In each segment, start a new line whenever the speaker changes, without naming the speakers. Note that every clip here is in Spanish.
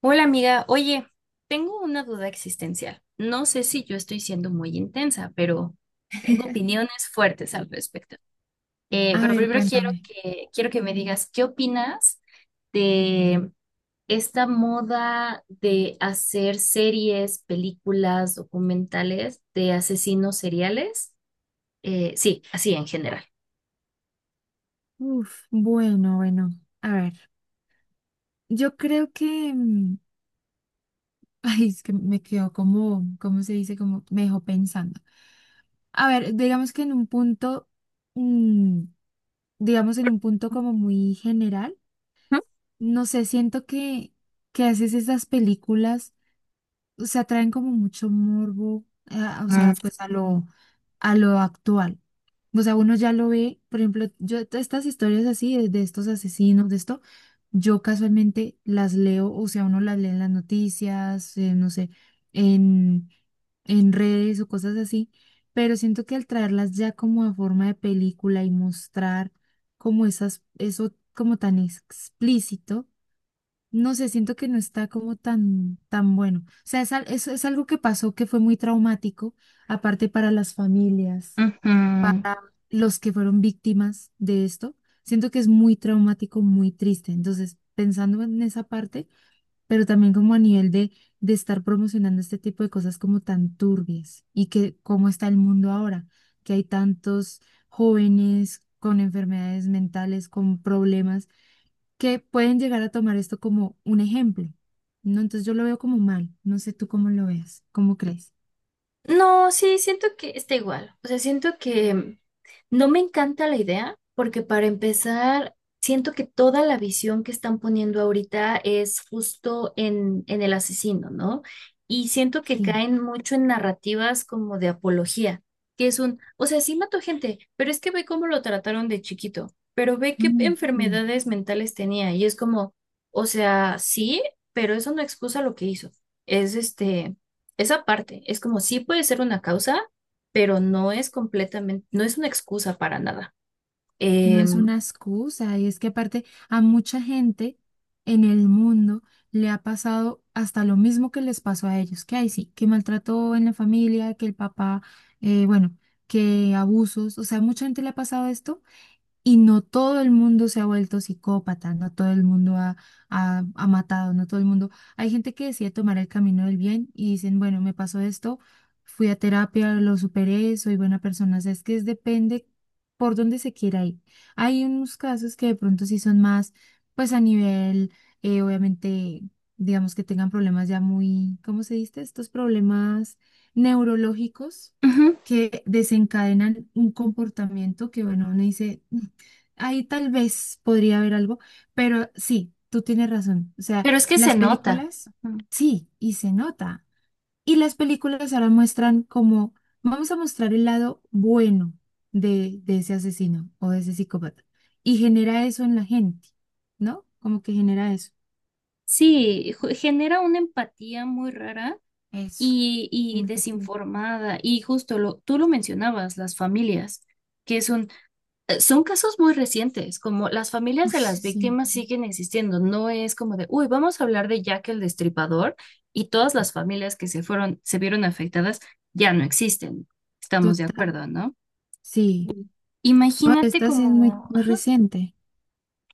Hola amiga, oye, tengo una duda existencial. No sé si yo estoy siendo muy intensa, pero tengo opiniones fuertes al respecto.
A
Pero
ver,
primero
cuéntame.
quiero que me digas, ¿qué opinas de esta moda de hacer series, películas, documentales de asesinos seriales? Sí, así en general.
Uf, bueno, bueno. A ver, yo creo que... Ay, es que me quedó como, ¿cómo se dice? Como me dejó pensando. A ver, digamos que en un punto, mm, digamos en un punto como muy general,
Ujú.
no sé, siento que a veces esas películas, o sea, traen como mucho morbo, o sea, pues a lo actual. O sea, uno ya lo ve, por ejemplo, yo estas historias así de estos asesinos, de esto. Yo casualmente las leo, o sea, uno las lee en las noticias, no sé, en, en redes o cosas así, pero siento que al traerlas ya como a forma de película y mostrar como esas, eso como tan explícito, no sé, siento que no está como tan bueno. O sea, es algo que pasó que fue muy traumático, aparte para las familias
Mm, ujú.
para los que fueron víctimas de esto. Siento que es muy traumático, muy triste. Entonces, pensando en esa parte, pero también como a nivel de estar promocionando este tipo de cosas como tan turbias y que cómo está el mundo ahora, que hay tantos jóvenes con enfermedades mentales, con problemas, que pueden llegar a tomar esto como un ejemplo. No, entonces yo lo veo como mal. No sé tú cómo lo veas, cómo crees.
No, sí, siento que está igual. O sea, siento que no me encanta la idea porque, para empezar, siento que toda la visión que están poniendo ahorita es justo en el asesino, ¿no? Y siento que
Sí.
caen mucho en narrativas como de apología, que es un, o sea, sí mató gente, pero es que ve cómo lo trataron de chiquito, pero ve qué
Mm, sí.
enfermedades mentales tenía y es como, o sea, sí, pero eso no excusa lo que hizo. Es este Esa parte es como sí puede ser una causa, pero no es completamente, no es una excusa para nada.
No es una
Em,
excusa, y es que aparte a mucha gente en el mundo le ha pasado hasta lo mismo que les pasó a ellos, que hay sí, que maltrató en la familia, que el papá, bueno, que abusos, o sea, mucha gente le ha pasado esto y no todo el mundo se ha vuelto psicópata, no todo el mundo ha matado, no todo el mundo. Hay gente que decide tomar el camino del bien y dicen, bueno, me pasó esto, fui a terapia, lo superé, soy buena persona. O sea, depende por dónde se quiera ir. Hay unos casos que de pronto sí son más, pues a nivel, obviamente, digamos que tengan problemas ya muy, ¿cómo se dice? Estos problemas neurológicos
Ujú,
que desencadenan un comportamiento que, bueno, uno dice... Ahí tal vez podría haber algo, pero sí, tú tienes razón. O sea,
pero es que se
las
nota.
películas,
Ujú.
sí, y se nota. Y las películas ahora muestran como, vamos a mostrar el lado bueno de ese asesino o de ese psicópata. Y genera eso en la gente, ¿no? Como que genera eso.
Sí, ju- genera una empatía muy rara
Eso,
y
empatía.
desinformada. Y justo lo, tú lo mencionabas, las familias, que es un. Son casos muy recientes, como las familias
Uy,
de las
sí,
víctimas siguen existiendo, no es como de, uy, vamos a hablar de Jack el Destripador y todas las familias que se fueron, se vieron afectadas ya no existen. Estamos de
total.
acuerdo, ¿no?
Sí.
Mm.
No,
Imagínate
esta sí es muy,
como
muy reciente.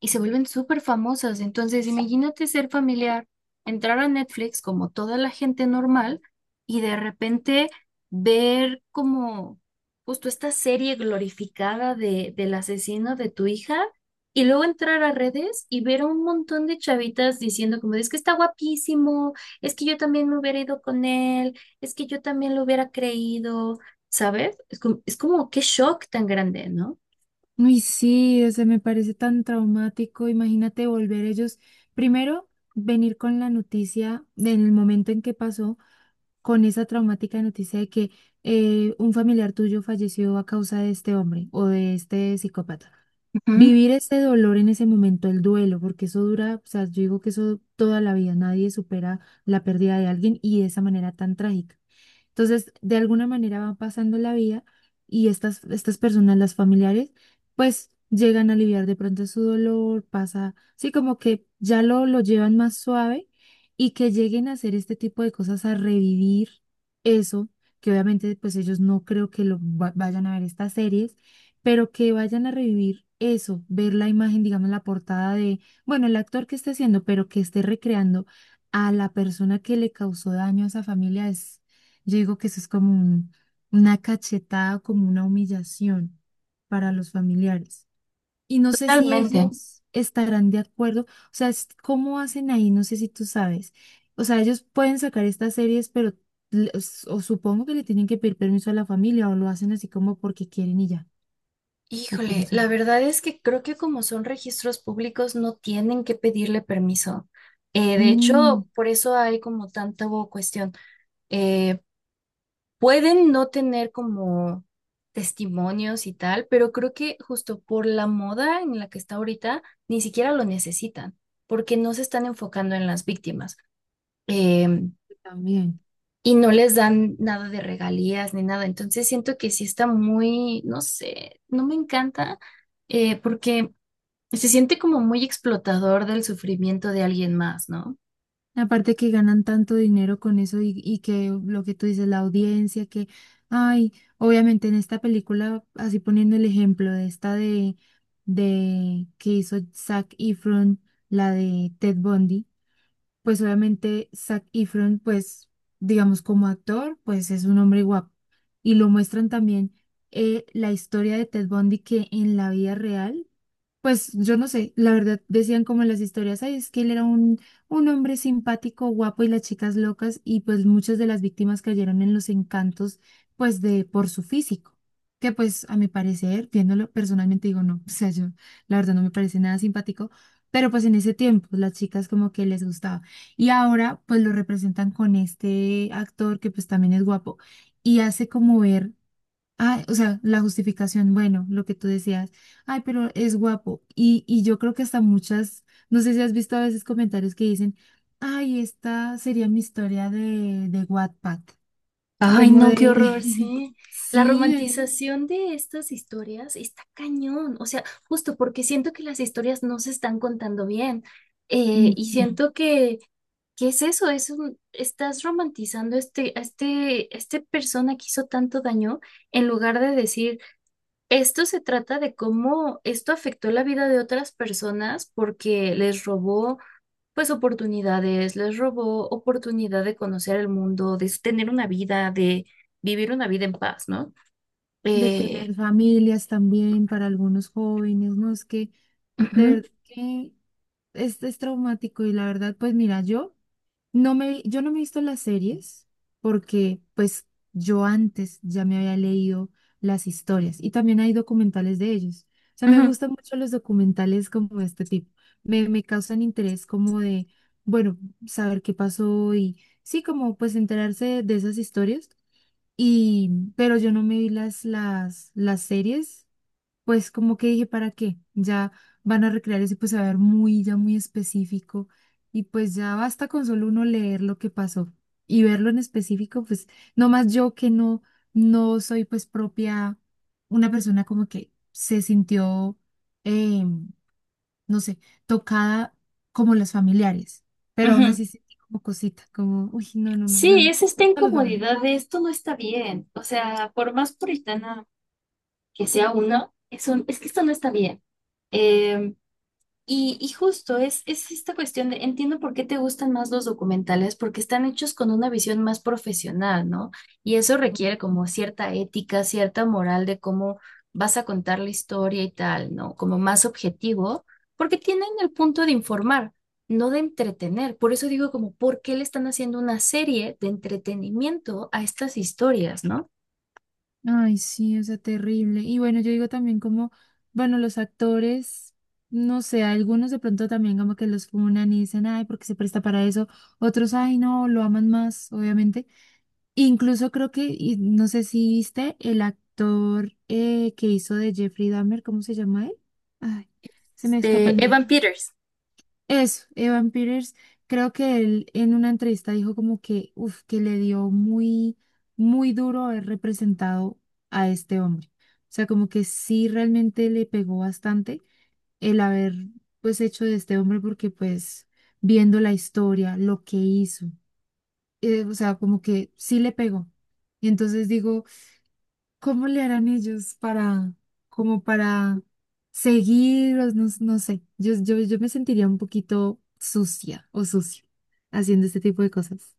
y se vuelven súper famosas. Entonces, imagínate ser familiar, entrar a Netflix como toda la gente normal y de repente ver como justo esta serie glorificada de, del asesino de tu hija, y luego entrar a redes y ver a un montón de chavitas diciendo como, es que está guapísimo, es que yo también me hubiera ido con él, es que yo también lo hubiera creído, ¿sabes? Es como qué shock tan grande, ¿no?
Uy, sí, o sea, me parece tan traumático. Imagínate volver ellos, primero, venir con la noticia de en el momento en que pasó, con esa traumática noticia de que un familiar tuyo falleció a causa de este hombre o de este psicópata.
Ujú.
Vivir ese dolor en ese momento, el duelo, porque eso dura, o sea, yo digo que eso toda la vida, nadie supera la pérdida de alguien y de esa manera tan trágica. Entonces, de alguna manera va pasando la vida y estas personas, las familiares, pues llegan a aliviar de pronto su dolor, pasa, sí, como que ya lo llevan más suave y que lleguen a hacer este tipo de cosas, a revivir eso, que obviamente pues ellos no creo que vayan a ver estas series, pero que vayan a revivir eso, ver la imagen, digamos, la portada de, bueno, el actor que esté haciendo, pero que esté recreando a la persona que le causó daño a esa familia yo digo que eso es como una cachetada, como una humillación para los familiares. Y no sé si
Totalmente.
ellos estarán de acuerdo, o sea, es- ¿cómo hacen ahí? No sé si tú sabes. O sea, ellos pueden sacar estas series, pero o supongo que le tienen que pedir permiso a la familia o lo hacen así como porque quieren y ya, o cómo
Híjole,
se...
la verdad es que creo que como son registros públicos no tienen que pedirle permiso. De
Mm,
hecho, por eso hay como tanta bo- cuestión. Eh, Pueden no tener como testimonios y tal, pero creo que justo por la moda en la que está ahorita, ni siquiera lo necesitan, porque no se están enfocando en las víctimas. Em,
también.
y no les dan nada de regalías ni nada. Entonces siento que sí está muy, no sé, no me encanta. Porque se siente como muy explotador del sufrimiento de alguien más, ¿no?
Aparte que ganan tanto dinero con eso y que lo que tú dices, la audiencia, que, ay, obviamente en esta película, así poniendo el ejemplo de esta de que hizo Zac Efron, la de Ted Bundy, pues obviamente Zac Efron, pues digamos como actor, pues es un hombre guapo. Y lo muestran también la historia de Ted Bundy que en la vida real. Pues yo no sé, la verdad decían como en las historias, ay, es que él era un hombre simpático, guapo y las chicas locas y pues muchas de las víctimas cayeron en los encantos pues de por su físico, que pues a mi parecer, viéndolo personalmente digo no, o sea, yo la verdad no me parece nada simpático, pero pues en ese tiempo las chicas como que les gustaba y ahora pues lo representan con este actor que pues también es guapo y hace como ver Ah, o sea, la justificación, bueno, lo que tú decías, ay, pero es guapo. Y yo creo que hasta muchas, no sé si has visto a veces comentarios que dicen, ay, esta sería mi historia de Wattpad,
Ay,
como
no,
de,
qué horror. Mm, sí. La
sí, hay-
romantización de estas historias está cañón, o sea, justo porque siento que las historias no se están contando bien. Y
ujú,
siento que, ¿qué es eso? Es un- estás romantizando a este persona que hizo tanto daño, en lugar de decir, esto se trata de cómo esto afectó la vida de otras personas porque les robó pues oportunidades, les robó oportunidad de conocer el mundo, de tener una vida, de vivir una vida en paz, ¿no?
de
Eh,
tener familias también para algunos jóvenes, ¿no? Es que de
Ujú,
verdad que es traumático y la verdad, pues mira, yo... yo no me he visto las series porque pues yo antes ya me había leído las historias y también hay documentales de ellos. O sea, me
ujú,
gustan mucho los documentales como este tipo. Me causan interés como de, bueno, saber qué pasó y sí, como pues enterarse de, esas historias. Y, pero yo no me vi las series pues como que dije, ¿para qué? Ya van a recrear eso, y pues se va a ver muy, ya muy específico. Y pues ya basta con solo uno leer lo que pasó y verlo en específico, pues nomás yo que no, no soy pues propia, una persona como que se sintió, eh, no sé, tocada como las familiares, pero aún
ujú.
así sentí como cosita, como, uy, no, no, no, yo
Sí,
no,
es esta
no los voy a ver.
incomodidad de esto no está bien. O sea, por más puritana que sea uno, es un- es que esto no está bien. Em, y justo es esta cuestión de, entiendo por qué te gustan más los documentales, porque están hechos con una visión más profesional, ¿no? Y eso
No,
requiere
no.
como cierta ética, cierta moral de cómo vas a contar la historia y tal, ¿no? Como más objetivo, porque tienen el punto de informar, no de entretener. Por eso digo como, ¿por qué le están haciendo una serie de entretenimiento a estas historias, ¿no?
Ay, sí, o sea, terrible. Y bueno, yo digo también como, bueno, los actores, no sé, algunos de pronto también como que los funan y dicen, ay, porque se presta para eso. Otros, ay, no, lo aman más, obviamente. Incluso creo que, y no sé si viste, el actor que hizo de Jeffrey Dahmer, ¿cómo se llama él? Ay, se me escapa
De
el nombre.
Evan Peters.
Eso, Evan Peters, creo que él en una entrevista dijo como que, uf, que le dio muy, muy duro haber representado a este hombre. O sea, como que sí realmente le pegó bastante el haber, pues, hecho de este hombre porque, pues, viendo la historia, lo que hizo, o sea, como que sí le pegó. Y entonces digo, ¿cómo le harán ellos para, como para seguir, o no, no sé, yo me sentiría un poquito sucia o sucio haciendo este tipo de cosas.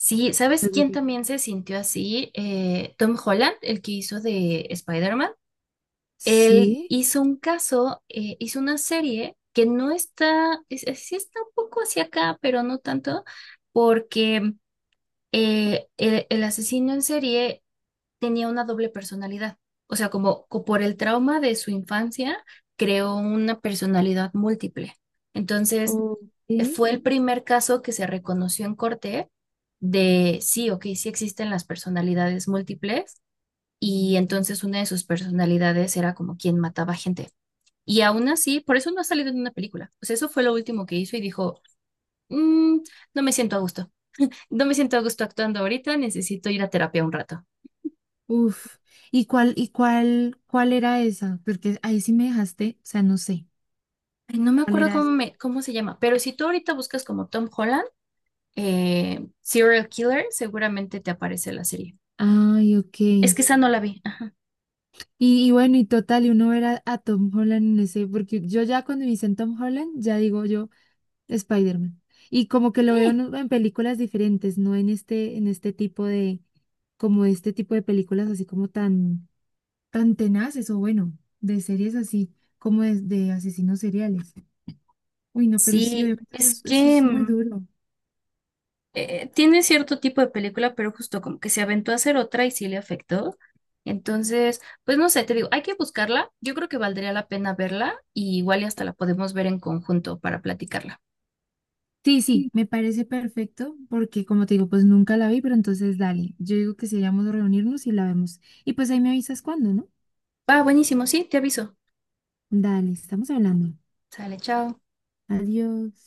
Sí,
O
¿sabes
sea, como
quién
que,
también se sintió así? Tom Holland, el que hizo de Spider-Man. Él
sí,
hizo un caso, hizo una serie que no está, es- sí está un poco hacia acá, pero no tanto, porque el asesino en serie tenía una doble personalidad. O sea, como, co- por el trauma de su infancia, creó una personalidad múltiple. Entonces,
ok,
fue el primer caso que se reconoció en corte de sí, ok, sí existen las personalidades múltiples, y entonces una de sus personalidades era como quien mataba gente. Y aún así, por eso no ha salido en una película. O sea, eso fue lo último que hizo y dijo, "Mm, no me siento a gusto. No me siento a gusto actuando ahorita, necesito ir a terapia un rato."
uf. ¿Y cuál era esa? Porque ahí sí me dejaste, o sea, no sé,
Ay, no me
¿cuál
acuerdo
era
cómo,
esa?
me, cómo se llama, pero si tú ahorita buscas como Tom Holland, Serial Killer, seguramente te aparece la serie.
Ay, ok.
Es que esa no la vi. Ah,
Y bueno, y total, y uno ver a Tom Holland en ese, porque yo ya cuando me dicen Tom Holland, ya digo yo. Spider-Man. Y como que lo veo
sí.
en películas diferentes, no en este, en este tipo de, como este tipo de películas así como tan, tan tenaces o bueno, de series así como de asesinos seriales. Uy, no, pero sí,
Sí,
obviamente
es
eso
que
es muy
mm,
duro.
tiene cierto tipo de película, pero justo como que se aventó a hacer otra y sí le afectó. Entonces, pues no sé, te digo, hay que buscarla. Yo creo que valdría la pena verla y igual y hasta la podemos ver en conjunto para platicarla.
Sí, sí,
Sí.
me parece perfecto porque como te digo, pues nunca la vi, pero entonces dale. Yo digo que seríamos reunirnos y la vemos. Y pues ahí me avisas cuándo, ¿no?
Va, buenísimo, sí, te aviso.
Dale, estamos hablando.
Sale, chao.
Adiós.